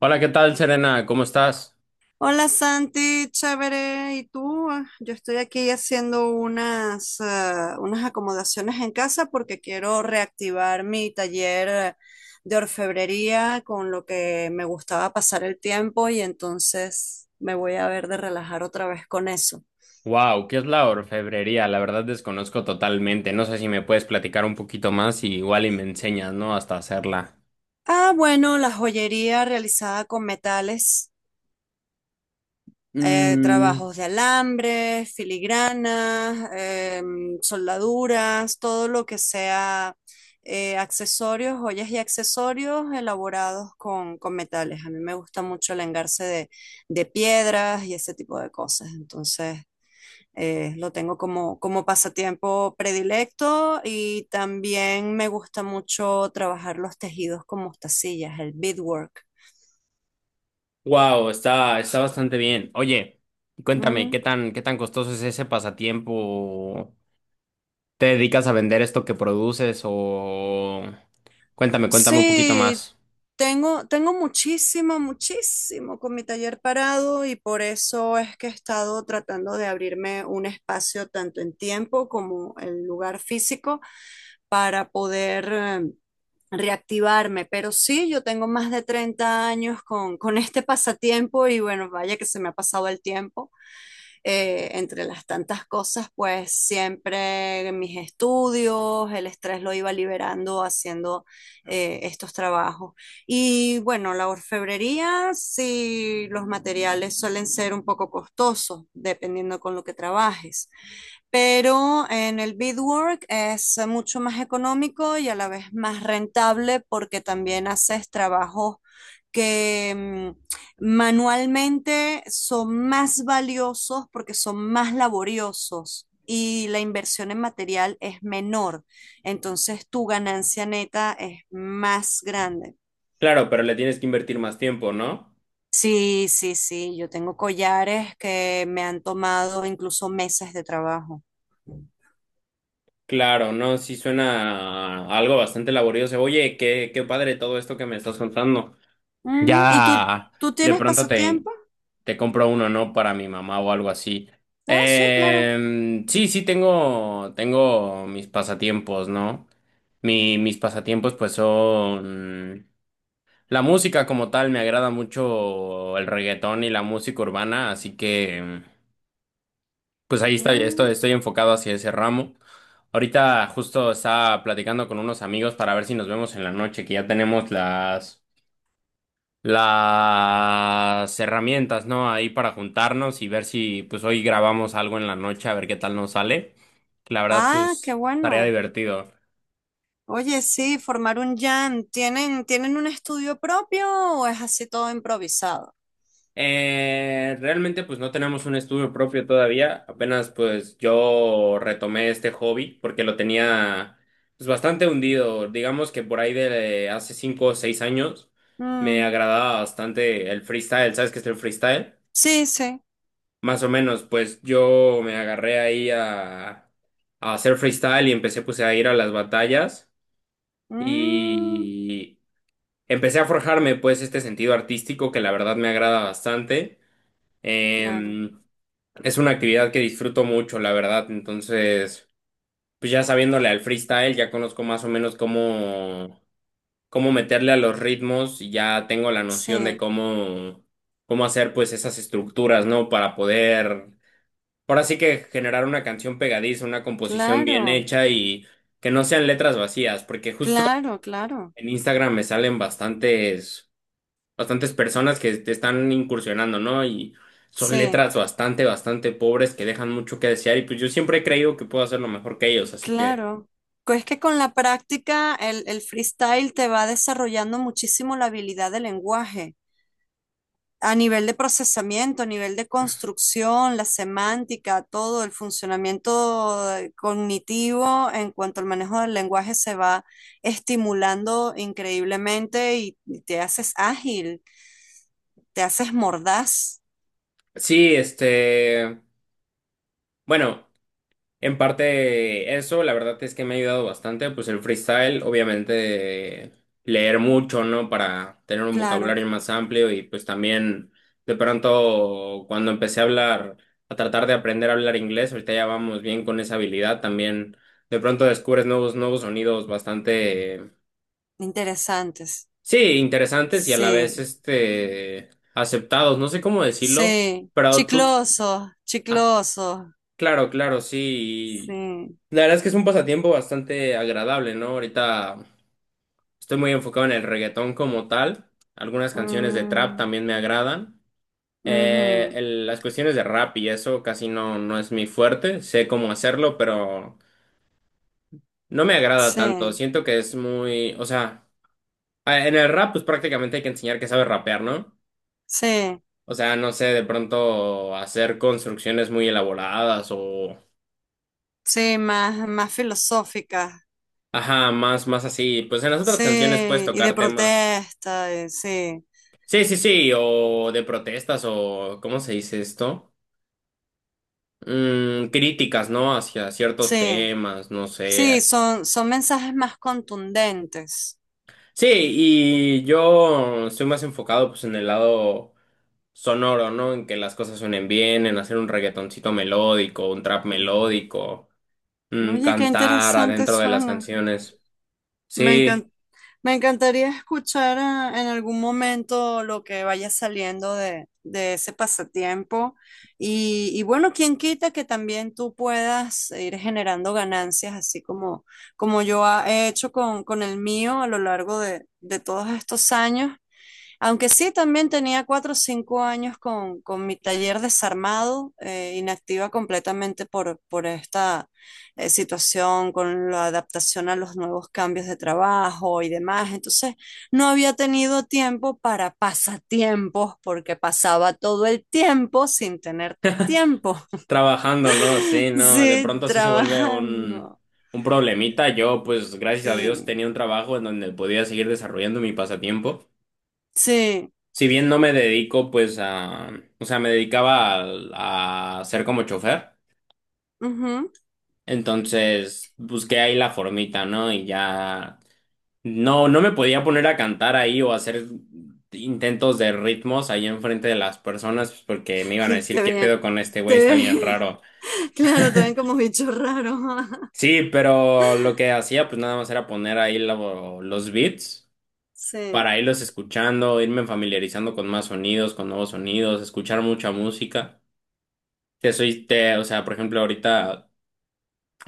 Hola, ¿qué tal, Serena? ¿Cómo estás? Hola Santi, chévere. ¿Y tú? Yo estoy aquí haciendo unas acomodaciones en casa porque quiero reactivar mi taller de orfebrería con lo que me gustaba pasar el tiempo y entonces me voy a ver de relajar otra vez con eso. Wow, ¿qué es la orfebrería? La verdad desconozco totalmente. No sé si me puedes platicar un poquito más y igual y me enseñas, ¿no? Hasta hacerla. Ah, bueno, la joyería realizada con metales. Mm, Trabajos de alambres, filigranas, soldaduras, todo lo que sea accesorios, joyas y accesorios elaborados con metales. A mí me gusta mucho el engarce de piedras y ese tipo de cosas. Entonces, lo tengo como pasatiempo predilecto y también me gusta mucho trabajar los tejidos con mostacillas, el beadwork. wow, está bastante bien. Oye, cuéntame, ¿qué Mm. tan, qué tan costoso es ese pasatiempo? ¿Te dedicas a vender esto que produces o...? Cuéntame, cuéntame un poquito Sí, más. Tengo muchísimo, muchísimo con mi taller parado y por eso es que he estado tratando de abrirme un espacio tanto en tiempo como en lugar físico para poder reactivarme. Pero sí, yo tengo más de 30 años con este pasatiempo y bueno, vaya que se me ha pasado el tiempo entre las tantas cosas, pues siempre mis estudios, el estrés lo iba liberando haciendo estos trabajos. Y bueno, la orfebrería, sí, los materiales suelen ser un poco costosos, dependiendo con lo que trabajes, pero en el beadwork es mucho más económico y a la vez más rentable porque también haces trabajos que manualmente son más valiosos porque son más laboriosos y la inversión en material es menor. Entonces tu ganancia neta es más grande. Claro, pero le tienes que invertir más tiempo, ¿no? Sí, sí, sí, yo tengo collares que me han tomado incluso meses de trabajo. Claro, no, sí suena a algo bastante laborioso. Oye, qué, qué padre todo esto que me estás contando. Ujú. ¿Y tú, Ya tú de tienes pronto te, pasatiempos? te compro uno, ¿no? Para mi mamá o algo así. Ah, sí, claro. Sí, sí, tengo mis pasatiempos, ¿no? Mis pasatiempos pues son... La música como tal, me agrada mucho el reggaetón y la música urbana, así que... Pues ahí está, estoy, Mm. estoy enfocado hacia ese ramo. Ahorita justo estaba platicando con unos amigos para ver si nos vemos en la noche, que ya tenemos las herramientas, ¿no? Ahí para juntarnos y ver si pues hoy grabamos algo en la noche, a ver qué tal nos sale. La verdad, Ah, qué pues, tarea bueno. divertido. Oye, sí, formar un jam. Tienen un estudio propio o es así todo improvisado? Realmente pues no tenemos un estudio propio todavía, apenas pues yo retomé este hobby porque lo tenía pues bastante hundido, digamos que por ahí de hace cinco o seis años me Mm. agradaba bastante el freestyle, ¿sabes qué es el freestyle? Sí, sí. Más o menos pues yo me agarré ahí a hacer freestyle y empecé pues a ir a las batallas Mm. y empecé a forjarme pues este sentido artístico que la verdad me agrada bastante. Claro. Em, Es una actividad que disfruto mucho, la verdad. Entonces, pues ya sabiéndole al freestyle, ya conozco más o menos cómo, cómo meterle a los ritmos y ya tengo la noción de Sí, cómo, cómo hacer pues esas estructuras, ¿no? Para poder, ahora sí que generar una canción pegadiza, una composición bien claro, hecha y que no sean letras vacías, porque justo claro, claro. en Instagram me salen bastantes personas que te están incursionando, ¿no? Y son Sí, letras bastante, bastante pobres que dejan mucho que desear y pues yo siempre he creído que puedo hacerlo mejor que ellos, así que claro. Es que con la práctica el freestyle te va desarrollando muchísimo la habilidad de lenguaje, a nivel de procesamiento, a nivel de construcción, la semántica, todo el funcionamiento cognitivo en cuanto al manejo del lenguaje se va estimulando increíblemente y te haces ágil, te haces mordaz. sí, este, bueno. En parte eso, la verdad es que me ha ayudado bastante, pues el freestyle, obviamente leer mucho, ¿no? Para tener un Claro, vocabulario más amplio y pues también de pronto cuando empecé a hablar, a tratar de aprender a hablar inglés, ahorita ya vamos bien con esa habilidad, también de pronto descubres nuevos, nuevos sonidos bastante, interesantes. sí, interesantes y a la vez, Sí, este, aceptados, no sé cómo decirlo, sí, pero tú... chiclosos, ah, chiclosos. claro, claro, sí. Sí. La verdad es que es un pasatiempo bastante agradable, ¿no? Ahorita estoy muy enfocado en el reggaetón como tal. Algunas canciones de trap Mm. también me agradan. Ujú. Las cuestiones de rap y eso casi no, no es mi fuerte. Sé cómo hacerlo, pero no me agrada tanto. Sí, Siento que es muy, o sea, en el rap pues prácticamente hay que enseñar que sabes rapear, ¿no? sí, O sea, no sé, de pronto hacer construcciones muy elaboradas. sí, más, más filosóficas. Ajá, más, más así. Pues en las otras canciones puedes Sí, y de tocar temas. protesta, y sí, Sí, sí, sí, o de protestas o ¿cómo se dice esto? Mm, críticas, ¿no? Hacia ciertos sí, temas, no sí, sé. son, son mensajes más contundentes. Sí, y yo estoy más enfocado pues en el lado sonoro, ¿no? En que las cosas suenen bien, en hacer un reggaetoncito melódico, un trap melódico, mm, Oye, qué cantar interesante adentro de las suena. canciones. Me Sí. encan- Me encantaría escuchar en algún momento lo que vaya saliendo de ese pasatiempo. Y bueno, quién quita que también tú puedas ir generando ganancias, así como yo he hecho con el mío a lo largo de todos estos años. Aunque sí, también tenía 4 o 5 años con mi taller desarmado, inactiva completamente por esta situación, con la adaptación a los nuevos cambios de trabajo y demás. Entonces, no había tenido tiempo para pasatiempos porque pasaba todo el tiempo sin tener tiempo. Trabajando, ¿no? Sí, no, de Sí, pronto sí se vuelve trabajando. un problemita. Yo, pues, gracias a Dios, Sí, tenía un trabajo en donde podía seguir desarrollando mi pasatiempo. sí. Si bien no me dedico, pues, a, o sea, me dedicaba a ser como chofer. Ujú. Entonces, busqué ahí la formita, ¿no? Y ya, no, no me podía poner a cantar ahí o hacer intentos de ritmos ahí enfrente de las personas, pues, porque me iban a decir, Te ¿qué ve, pedo con este te güey? Está ve. bien raro. Claro, te ven como bicho raro. Sí, pero lo que hacía pues nada más era poner ahí los beats Sí, para irlos escuchando, irme familiarizando con más sonidos, con nuevos sonidos, escuchar mucha música. O sea, por ejemplo, ahorita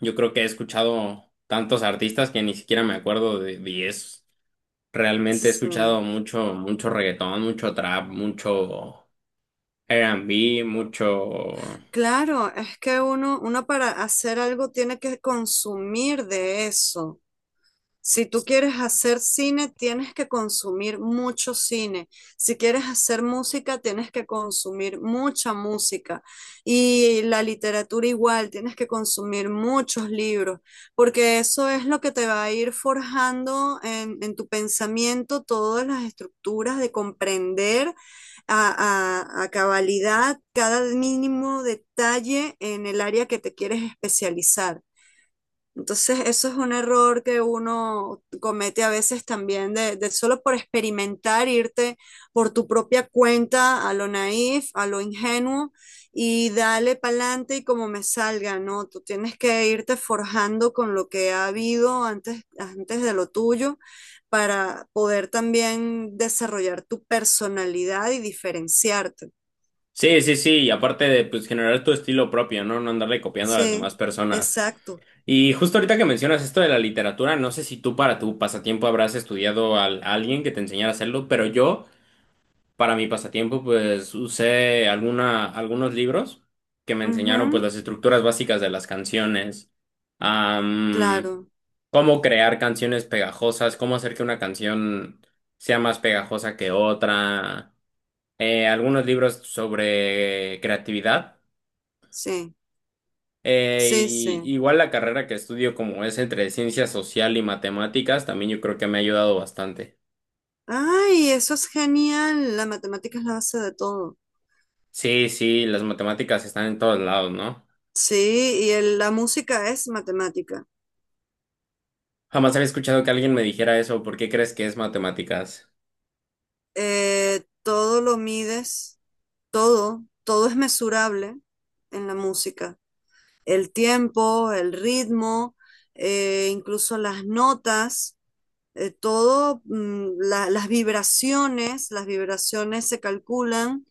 yo creo que he escuchado tantos artistas que ni siquiera me acuerdo de diez. sí. Realmente he Sí. escuchado mucho, mucho reggaetón, mucho trap, mucho R&B, mucho... Claro, es que uno, uno para hacer algo tiene que consumir de eso. Si tú quieres hacer cine, tienes que consumir mucho cine. Si quieres hacer música, tienes que consumir mucha música. Y la literatura igual, tienes que consumir muchos libros, porque eso es lo que te va a ir forjando en tu pensamiento todas las estructuras de comprender a cabalidad cada mínimo detalle en el área que te quieres especializar. Entonces, eso es un error que uno comete a veces también, de solo por experimentar, irte por tu propia cuenta a lo naif, a lo ingenuo y dale pa'lante y como me salga, ¿no? Tú tienes que irte forjando con lo que ha habido antes, antes de lo tuyo para poder también desarrollar tu personalidad y diferenciarte. Sí, sí, sí, y aparte de pues generar tu estilo propio, ¿no? No andarle copiando a las demás Sí, personas. exacto. Y justo ahorita que mencionas esto de la literatura, no sé si tú para tu pasatiempo habrás estudiado a alguien que te enseñara a hacerlo, pero yo para mi pasatiempo pues usé algunos libros que me enseñaron pues Ujú, las estructuras básicas de las canciones, am, claro, cómo crear canciones pegajosas, cómo hacer que una canción sea más pegajosa que otra, algunos libros sobre creatividad. sí, sí, sí. Igual la carrera que estudio como es entre ciencia social y matemáticas, también yo creo que me ha ayudado bastante. Ay, eso es genial. La matemática es la base de todo. Sí, sí, las matemáticas están en todos lados, ¿no? Sí, y la música es matemática. Jamás había escuchado que alguien me dijera eso, ¿por qué crees que es matemáticas? Todo lo mides, todo, todo es mesurable en la música. El tiempo, el ritmo, incluso las notas. Eh, todo, las vibraciones se calculan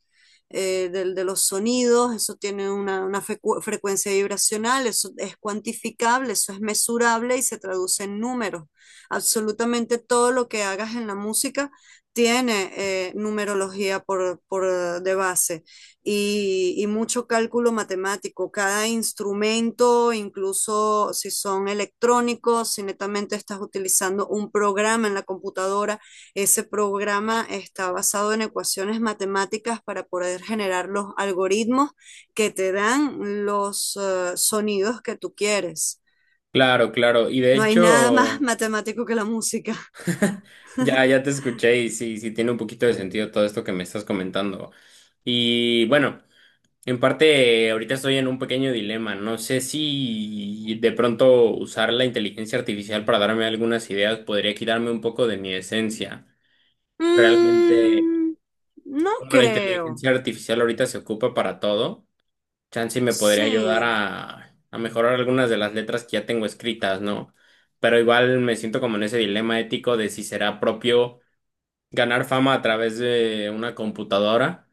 de los sonidos, eso tiene una frecuencia vibracional, eso es cuantificable, eso es mesurable y se traduce en números. Absolutamente todo lo que hagas en la música tiene numerología por de base y mucho cálculo matemático. Cada instrumento, incluso si son electrónicos, si netamente estás utilizando un programa en la computadora, ese programa está basado en ecuaciones matemáticas para poder generar los algoritmos que te dan los sonidos que tú quieres. Claro, claro, y de No hay nada más hecho, matemático que la música. ya, ya te escuché y sí, sí tiene un poquito de sentido todo esto que me estás comentando. Y bueno. En parte, ahorita estoy en un pequeño dilema. No sé si de pronto usar la inteligencia artificial para darme algunas ideas podría quitarme un poco de mi esencia. Realmente, Mm, no como la creo. inteligencia artificial ahorita se ocupa para todo, chance me podría ayudar Sí, a mejorar algunas de las letras que ya tengo escritas, ¿no? Pero igual me siento como en ese dilema ético de si será propio ganar fama a través de una computadora.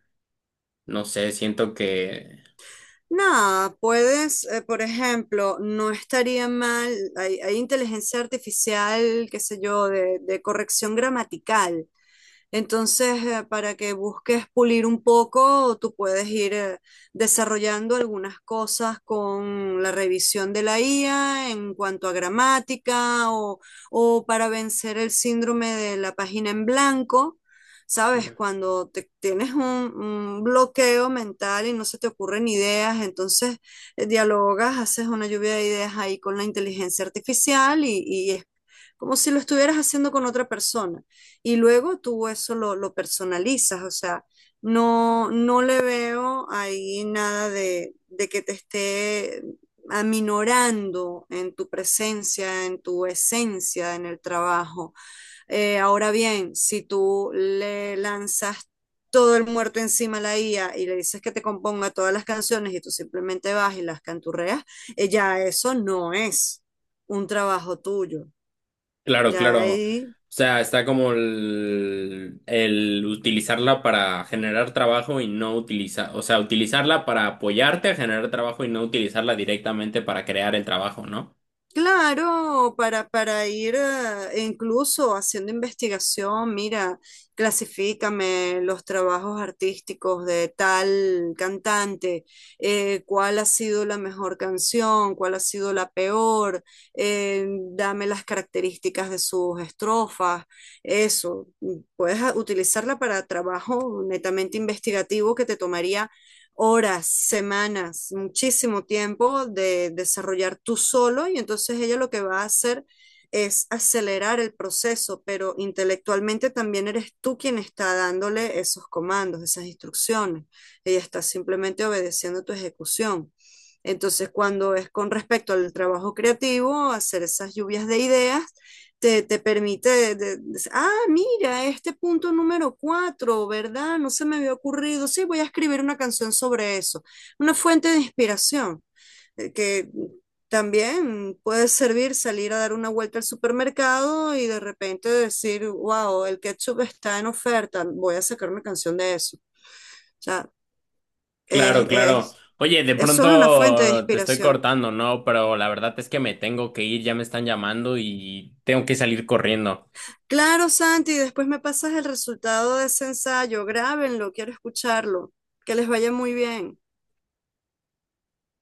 No sé, siento que... nada, puedes, por ejemplo, no estaría mal, hay inteligencia artificial, qué sé yo, de corrección gramatical. Entonces, para que busques pulir un poco, tú puedes ir desarrollando algunas cosas con la revisión de la IA en cuanto a gramática o para vencer el síndrome de la página en blanco. ¿Sabes? Cuando tienes un bloqueo mental y no se te ocurren ideas, entonces dialogas, haces una lluvia de ideas ahí con la inteligencia artificial y es como si lo estuvieras haciendo con otra persona. Y luego tú eso lo personalizas, o sea, no, no le veo ahí nada de que te esté aminorando en tu presencia, en tu esencia, en el trabajo. Ahora bien, si tú le lanzas todo el muerto encima a la IA y le dices que te componga todas las canciones y tú simplemente vas y las canturreas, ya eso no es un trabajo tuyo. Claro, Ya claro. O ahí sea, está como el utilizarla para generar trabajo y no utilizar, o sea, utilizarla para apoyarte a generar trabajo y no utilizarla directamente para crear el trabajo, ¿no? claro, para ir incluso haciendo investigación, mira, clasifícame los trabajos artísticos de tal cantante, cuál ha sido la mejor canción, cuál ha sido la peor, dame las características de sus estrofas, eso. Puedes utilizarla para trabajo netamente investigativo que te tomaría horas, semanas, muchísimo tiempo de desarrollar tú solo y entonces ella lo que va a hacer es acelerar el proceso, pero intelectualmente también eres tú quien está dándole esos comandos, esas instrucciones. Ella está simplemente obedeciendo tu ejecución. Entonces, cuando es con respecto al trabajo creativo, hacer esas lluvias de ideas, te permite, mira, este punto número 4, ¿verdad? No se me había ocurrido. Sí, voy a escribir una canción sobre eso. Una fuente de inspiración que también puede servir salir a dar una vuelta al supermercado y de repente decir, wow, el ketchup está en oferta, voy a sacar una canción de eso. O sea, es, Claro, claro. es, Oye, de es solo una fuente de pronto te estoy inspiración. cortando, ¿no? Pero la verdad es que me tengo que ir, ya me están llamando y tengo que salir corriendo. Claro, Santi, después me pasas el resultado de ese ensayo. Grábenlo, quiero escucharlo. Que les vaya muy bien.